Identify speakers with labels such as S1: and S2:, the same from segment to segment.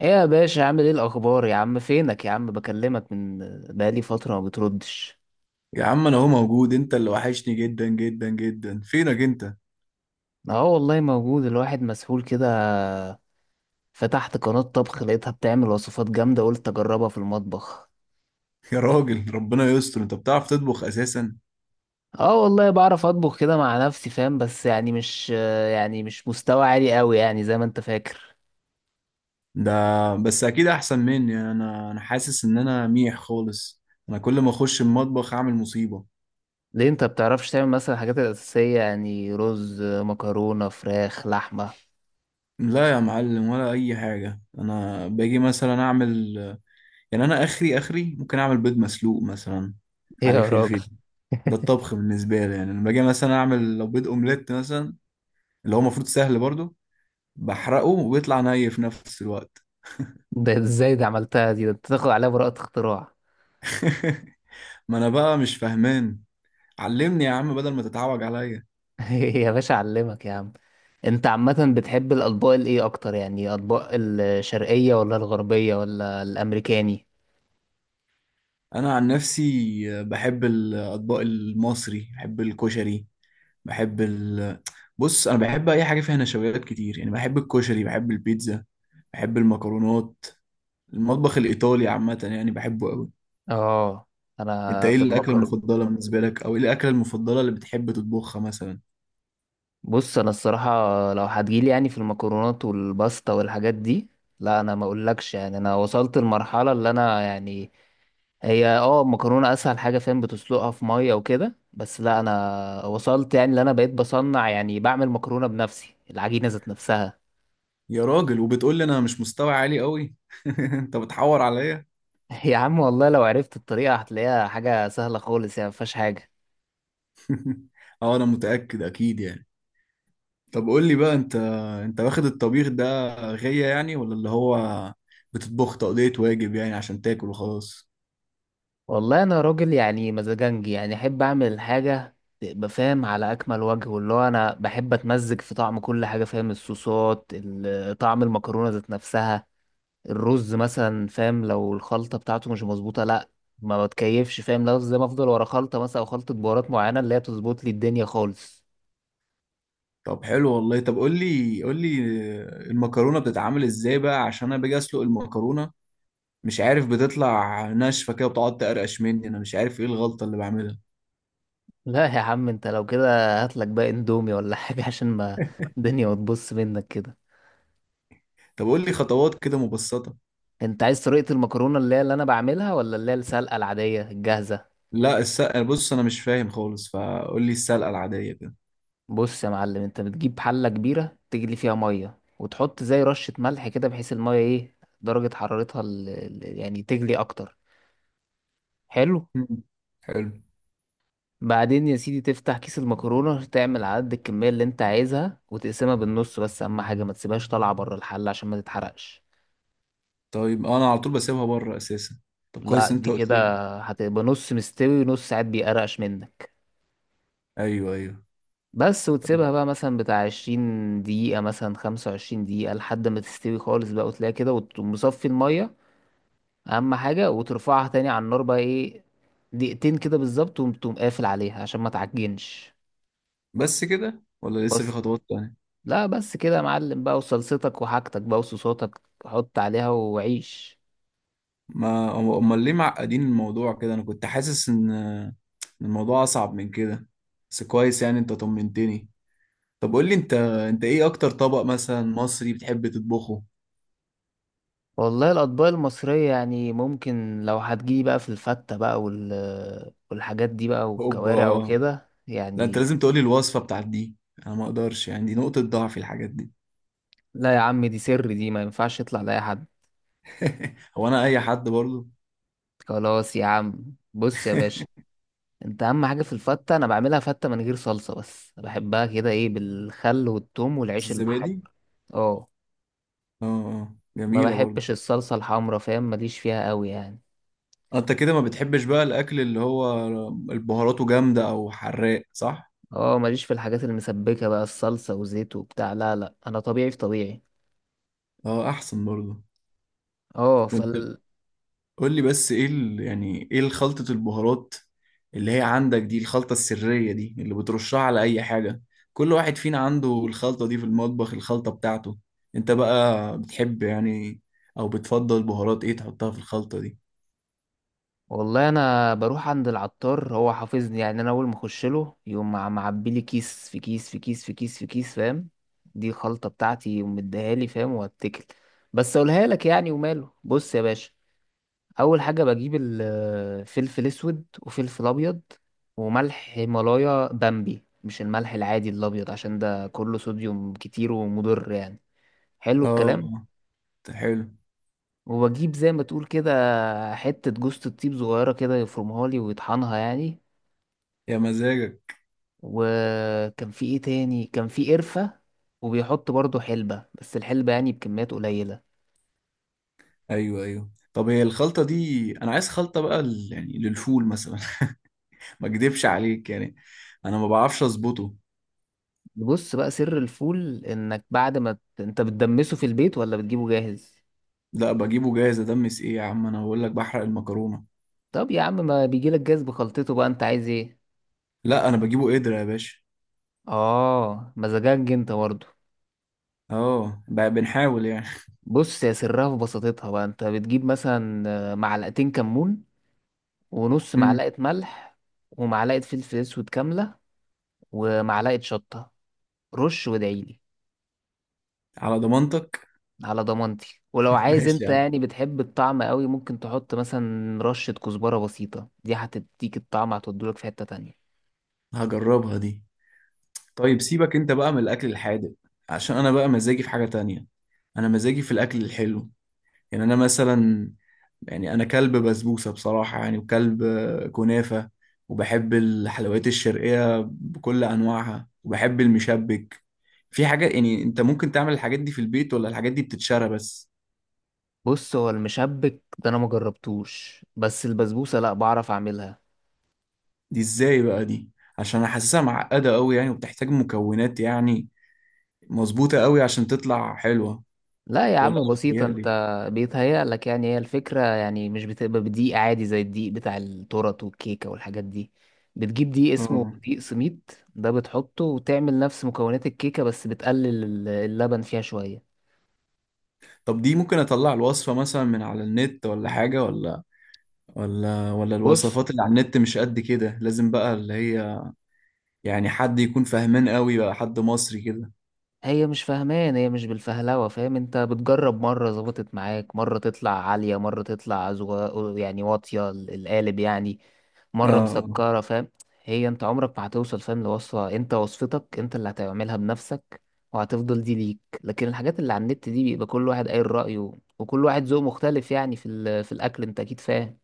S1: ايه يا باشا؟ عامل ايه الاخبار يا عم؟ فينك يا عم؟ بكلمك من بقالي فتره ما بتردش.
S2: يا عم، انا اهو موجود. انت اللي وحشني جدا جدا جدا. فينك انت؟
S1: اه، والله موجود. الواحد مسحول كده. فتحت قناه طبخ، لقيتها بتعمل وصفات جامده، قلت اجربها في المطبخ.
S2: يا راجل ربنا يستر، انت بتعرف تطبخ اساسا؟
S1: اه والله بعرف اطبخ كده مع نفسي، فاهم؟ بس يعني مش مستوى عالي قوي يعني زي ما انت فاكر.
S2: ده بس اكيد احسن مني. يعني انا حاسس ان انا ميح خالص. انا كل ما اخش المطبخ اعمل مصيبة.
S1: ليه؟ انت بتعرفش تعمل مثلا الحاجات الاساسيه؟ يعني رز، مكرونه، فراخ، لحمه؟
S2: لا يا معلم، ولا اي حاجة. انا باجي مثلا اعمل، يعني انا اخري اخري ممكن اعمل بيض مسلوق مثلا
S1: ايه
S2: عليه
S1: يا راجل؟
S2: فلفل. ده الطبخ بالنسبة لي. يعني لما باجي مثلا اعمل لو بيض اومليت مثلا، اللي هو المفروض سهل برضه، بحرقه وبيطلع ني في نفس الوقت.
S1: ده ازاي؟ ده عملتها دي، ده انت تاخد عليها براءه اختراع.
S2: ما انا بقى مش فاهمان. علمني يا عم بدل ما تتعوج عليا.
S1: يا باشا، اعلمك يا عم. انت عامة بتحب الاطباق الايه اكتر؟ يعني اطباق الشرقية ولا الغربية ولا الامريكاني؟
S2: انا عن نفسي بحب الاطباق المصري، بحب الكشري، بحب ال... بص، انا بحب اي حاجه فيها نشويات كتير. يعني بحب الكشري، بحب البيتزا، بحب المكرونات. المطبخ الايطالي عامه يعني بحبه قوي.
S1: اه.
S2: انت
S1: انا
S2: ايه
S1: في
S2: الاكله
S1: المكرونة.
S2: المفضله بالنسبه لك؟ او ايه الاكله المفضله اللي بتحب تطبخها مثلا؟
S1: بص انا الصراحة، لو هتجيلي يعني في المكرونات والباستا والحاجات دي، لا انا ما اقولكش، يعني انا وصلت المرحلة اللي انا يعني هي المكرونة اسهل حاجة، فاهم؟ بتسلقها في مية وكده بس، لا انا وصلت يعني، اللي انا بقيت بصنع يعني، بعمل مكرونة بنفسي، العجينة ذات نفسها.
S2: يا راجل، وبتقول لي انا مش مستوى عالي قوي؟ انت بتحور عليا.
S1: يا عم والله لو عرفت الطريقة هتلاقيها حاجة سهلة خالص، يعني مفيهاش حاجة.
S2: اه، انا متاكد اكيد يعني. طب قول لي بقى انت، انت واخد الطبيخ ده غية يعني، ولا اللي هو بتطبخ تقضية واجب يعني عشان تاكل وخلاص؟
S1: والله انا راجل يعني مزاجنجي، يعني احب اعمل الحاجه تبقى فاهم على اكمل وجه، واللي هو انا بحب اتمزج في طعم كل حاجه، فاهم؟ الصوصات طعم المكرونه ذات نفسها. الرز مثلا فاهم، لو الخلطه بتاعته مش مظبوطه، لا ما بتكيفش فاهم، لو زي ما افضل ورا خلطه مثلا او خلطه بهارات معينه اللي هي تظبط لي الدنيا خالص.
S2: طب حلو والله. طب قول لي، قول لي، المكرونة بتتعمل ازاي بقى؟ عشان انا باجي اسلق المكرونة، مش عارف، بتطلع ناشفة كده وبتقعد تقرقش مني. انا مش عارف ايه الغلطة اللي بعملها.
S1: لا يا عم انت لو كده هاتلك بقى اندومي ولا حاجه عشان ما الدنيا ما تبص منك كده.
S2: طب قول لي خطوات كده مبسطة.
S1: انت عايز طريقه المكرونه اللي هي اللي انا بعملها، ولا اللي هي السلقه العاديه الجاهزه؟
S2: لا السلقة، بص انا مش فاهم خالص، فقول لي السلقة العادية كده.
S1: بص يا معلم، انت بتجيب حلة كبيرة تجلي فيها مية وتحط زي رشة ملح كده، بحيث المية ايه درجة حرارتها يعني تجلي اكتر. حلو.
S2: مم. حلو.
S1: بعدين يا سيدي تفتح كيس المكرونة، تعمل عدد الكمية اللي انت عايزها وتقسمها بالنص، بس اهم حاجة ما تسيبهاش طالعة بره الحلة عشان ما تتحرقش.
S2: طيب انا على طول بسيبها بره اساسا. طب
S1: لا
S2: كويس، انت
S1: دي
S2: قلت
S1: كده
S2: لي.
S1: هتبقى نص مستوي ونص، ساعات بيقرقش منك.
S2: ايوه ايوه
S1: بس
S2: طب.
S1: وتسيبها بقى مثلا بتاع 20 دقيقة، مثلا 25 دقيقة، لحد ما تستوي خالص بقى وتلاقيها كده، وتقوم مصفي المية. اهم حاجه وترفعها تاني على النار بقى، ايه، دقيقتين كده بالظبط، وتقوم قافل عليها عشان ما تعجنش.
S2: بس كده ولا لسه في
S1: بس.
S2: خطوات تانية؟
S1: لا بس كده يا معلم بقى، وصلصتك وحاجتك بقى وصوصاتك حط عليها وعيش.
S2: ما امال ليه معقدين الموضوع كده؟ انا كنت حاسس ان الموضوع اصعب من كده. بس كويس، يعني انت طمنتني. طب قول لي انت، انت ايه اكتر طبق مثلا مصري بتحب تطبخه؟
S1: والله الاطباق المصريه يعني ممكن، لو هتجيلي بقى في الفته بقى والحاجات دي بقى والكوارع
S2: اوبا.
S1: وكده
S2: لا انت
S1: يعني.
S2: لازم تقول لي الوصفة بتاعت دي. انا ما اقدرش يعني، دي نقطة ضعف، الحاجات دي.
S1: لا يا عم، دي سر، دي ما ينفعش يطلع لاي حد.
S2: هو انا اي حد برضو؟
S1: خلاص يا عم، بص يا باشا، انت اهم حاجه في الفته انا بعملها فته من غير صلصه، بس بحبها كده، ايه، بالخل والثوم والعيش المحمر.
S2: الزبادي.
S1: اه،
S2: اه آه،
S1: ما
S2: جميلة برضو.
S1: بحبش الصلصه الحمرا، فاهم؟ ماليش فيها قوي يعني.
S2: انت كده ما بتحبش بقى الاكل اللي هو البهاراته جامدة او حراق، صح؟
S1: اه، ماليش في الحاجات المسبكه بقى، الصلصه وزيت وبتاع، لا لا انا طبيعي في طبيعي.
S2: اه احسن برضو.
S1: اه
S2: وانت،
S1: فال.
S2: قول لي بس ايه ال... يعني ايه خلطة البهارات اللي هي عندك دي؟ الخلطة السرية دي اللي بترشها على اي حاجة. كل واحد فينا عنده الخلطة دي في المطبخ، الخلطة بتاعته. انت بقى بتحب يعني، او بتفضل بهارات ايه تحطها في الخلطة دي؟
S1: والله انا بروح عند العطار، هو حافظني يعني، انا اول ما اخش له يقوم معبي لي كيس في كيس في كيس في كيس في كيس، فاهم؟ دي خلطه بتاعتي ومديها لي، فاهم؟ واتكل. بس اقولها لك يعني، وماله، بص يا باشا. اول حاجه بجيب الفلفل اسود وفلفل ابيض. وملح هيمالايا بامبي، مش الملح العادي الابيض، عشان ده كله صوديوم كتير ومضر يعني. حلو الكلام.
S2: اه، ده حلو.
S1: وبجيب زي ما تقول كده حته جوزة الطيب صغيره كده، يفرمها لي ويطحنها يعني.
S2: يا مزاجك.
S1: وكان في ايه تاني؟ كان في قرفه. وبيحط برضو حلبه، بس الحلبه يعني بكميات قليله.
S2: ايوه ايوه طب، هي الخلطة دي، انا عايز خلطة بقى يعني للفول مثلا. ما اكدبش عليك يعني، انا ما بعرفش اظبطه.
S1: بص بقى، سر الفول، انك بعد ما انت بتدمسه في البيت، ولا بتجيبه جاهز؟
S2: لا بجيبه جاهز. ادمس ايه يا عم، انا بقول لك بحرق المكرونة.
S1: طب يا عم ما بيجيلك جاز بخلطته بقى، انت عايز ايه؟
S2: لا انا بجيبه قدرة يا باشا.
S1: اه، مزاجك انت برضه.
S2: اه، بنحاول يعني.
S1: بص، يا سرها في بساطتها بقى، انت بتجيب مثلا معلقتين كمون، ونص
S2: امم.
S1: معلقة ملح، ومعلقة فلفل اسود كاملة، ومعلقة شطة. رش وادعيلي.
S2: على ضمانتك.
S1: على ضمانتي، ولو عايز
S2: ماشي
S1: انت
S2: يا عم،
S1: يعني بتحب الطعم قوي، ممكن تحط مثلا رشة كزبرة بسيطة، دي هتديك الطعم، هتودولك في حتة تانية.
S2: هجربها دي. طيب سيبك انت بقى من الاكل الحادق، عشان انا بقى مزاجي في حاجة تانية. انا مزاجي في الاكل الحلو. يعني انا مثلا، يعني انا كلب بسبوسة بصراحة يعني، وكلب آه، كنافة. وبحب الحلويات الشرقية بكل انواعها، وبحب المشبك. في حاجة يعني انت ممكن تعمل الحاجات دي في البيت ولا الحاجات دي بتتشرى بس؟
S1: بص هو المشبك ده انا مجربتوش، بس البسبوسة لا، بعرف اعملها.
S2: دي ازاي بقى دي؟ عشان انا حاسسها معقدة قوي يعني، وبتحتاج مكونات يعني مظبوطة قوي عشان تطلع حلوة.
S1: لا يا
S2: ولا
S1: عم
S2: انا
S1: بسيطة انت.
S2: بتهيألي؟
S1: بيتهيألك يعني، هي الفكرة يعني مش بتبقى بدقيق عادي زي الدقيق بتاع التورت والكيكة والحاجات دي. بتجيب دقيق اسمه
S2: اه.
S1: دقيق سميد، ده بتحطه وتعمل نفس مكونات الكيكة، بس بتقلل اللبن فيها شوية.
S2: طب دي ممكن اطلع الوصفة مثلا من على النت ولا حاجة؟ ولا
S1: بص،
S2: الوصفات اللي على النت مش قد كده؟ لازم بقى اللي هي يعني حد يكون فاهمان قوي بقى، حد مصري كده.
S1: هي مش فاهمان، هي مش بالفهلوة، فاهم؟ انت بتجرب مرة ظبطت معاك، مرة تطلع عالية، مرة تطلع يعني واطية القالب يعني،
S2: اه
S1: مرة
S2: آه.
S1: مسكرة، فاهم؟ هي انت عمرك ما هتوصل فاهم لوصفة، انت وصفتك انت اللي هتعملها بنفسك، وهتفضل دي ليك. لكن الحاجات اللي على النت دي بيبقى كل واحد قايل رأيه، وكل واحد ذوق مختلف يعني في الأكل، انت أكيد فاهم.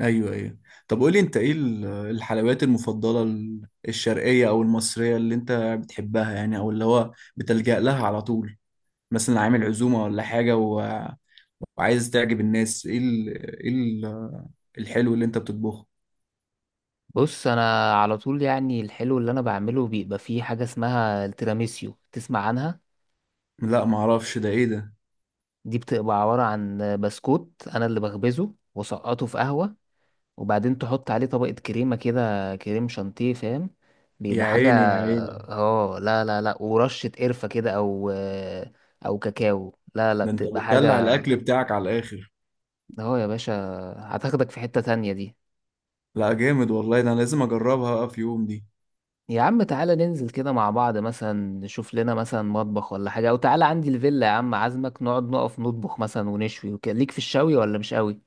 S2: ايوه ايوه طب، قولي انت ايه الحلويات المفضلة الشرقية او المصرية اللي انت بتحبها يعني، او اللي هو بتلجأ لها على طول، مثلا عامل عزومة ولا حاجة و... وعايز تعجب الناس ايه ال... ايه ال... الحلو اللي انت بتطبخه؟
S1: بص انا على طول يعني الحلو اللي انا بعمله بيبقى فيه حاجة اسمها التيراميسيو، تسمع عنها؟
S2: لا ما اعرفش، ده ايه ده؟
S1: دي بتبقى عبارة عن بسكوت انا اللي بخبزه وسقطه في قهوة، وبعدين تحط عليه طبقة كريمة كده، كريم شانتيه فاهم،
S2: يا
S1: بيبقى حاجة.
S2: عيني يا عيني.
S1: اه لا لا لا، ورشة قرفة كده او او كاكاو، لا لا
S2: ده انت
S1: بتبقى
S2: بتدلع
S1: حاجة.
S2: الاكل بتاعك على الاخر.
S1: اهو يا باشا، هتاخدك في حتة تانية دي.
S2: لا جامد والله، ده انا لازم اجربها بقى في يوم دي.
S1: يا عم تعالى ننزل كده مع بعض مثلا، نشوف لنا مثلا مطبخ ولا حاجة، او تعالى عندي الفيلا يا عم، عازمك نقعد نقف نطبخ مثلا ونشوي وكده. ليك في الشوي ولا مش قوي؟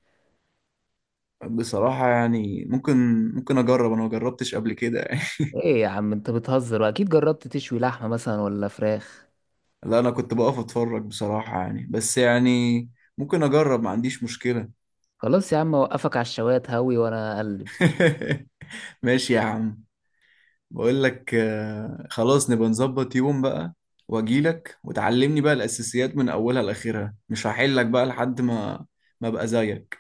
S2: بصراحة يعني ممكن اجرب. انا ما جربتش قبل كده يعني.
S1: ايه يا عم انت بتهزر، واكيد جربت تشوي لحمة مثلا ولا فراخ.
S2: لا انا كنت بقف اتفرج بصراحة يعني، بس يعني ممكن اجرب، ما عنديش مشكلة.
S1: خلاص يا عم، اوقفك على الشوايه هوي وانا اقلب.
S2: ماشي يا عم. بقول لك آه، خلاص نبقى نظبط يوم بقى، واجيلك وتعلمني بقى الاساسيات من اولها لاخرها، مش هحلك بقى لحد ما ابقى زيك.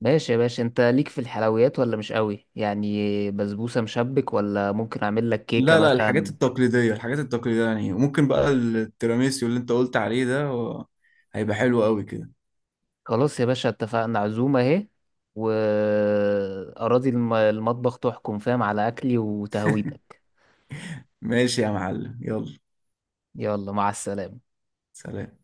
S1: ماشي يا باشا، انت ليك في الحلويات ولا مش قوي؟ يعني بسبوسة، مشبك، ولا ممكن اعمل لك كيكة
S2: لا لا، الحاجات
S1: مثلا؟
S2: التقليديه، الحاجات التقليديه يعني، وممكن بقى التيراميسيو اللي انت قلت عليه ده و... هيبقى حلو قوي كده.
S1: خلاص يا باشا، اتفقنا، عزومة اهي، وأراضي المطبخ تحكم فاهم على اكلي وتهويتك.
S2: ماشي يا معلم، يلا.
S1: يلا، مع السلامة.
S2: سلام.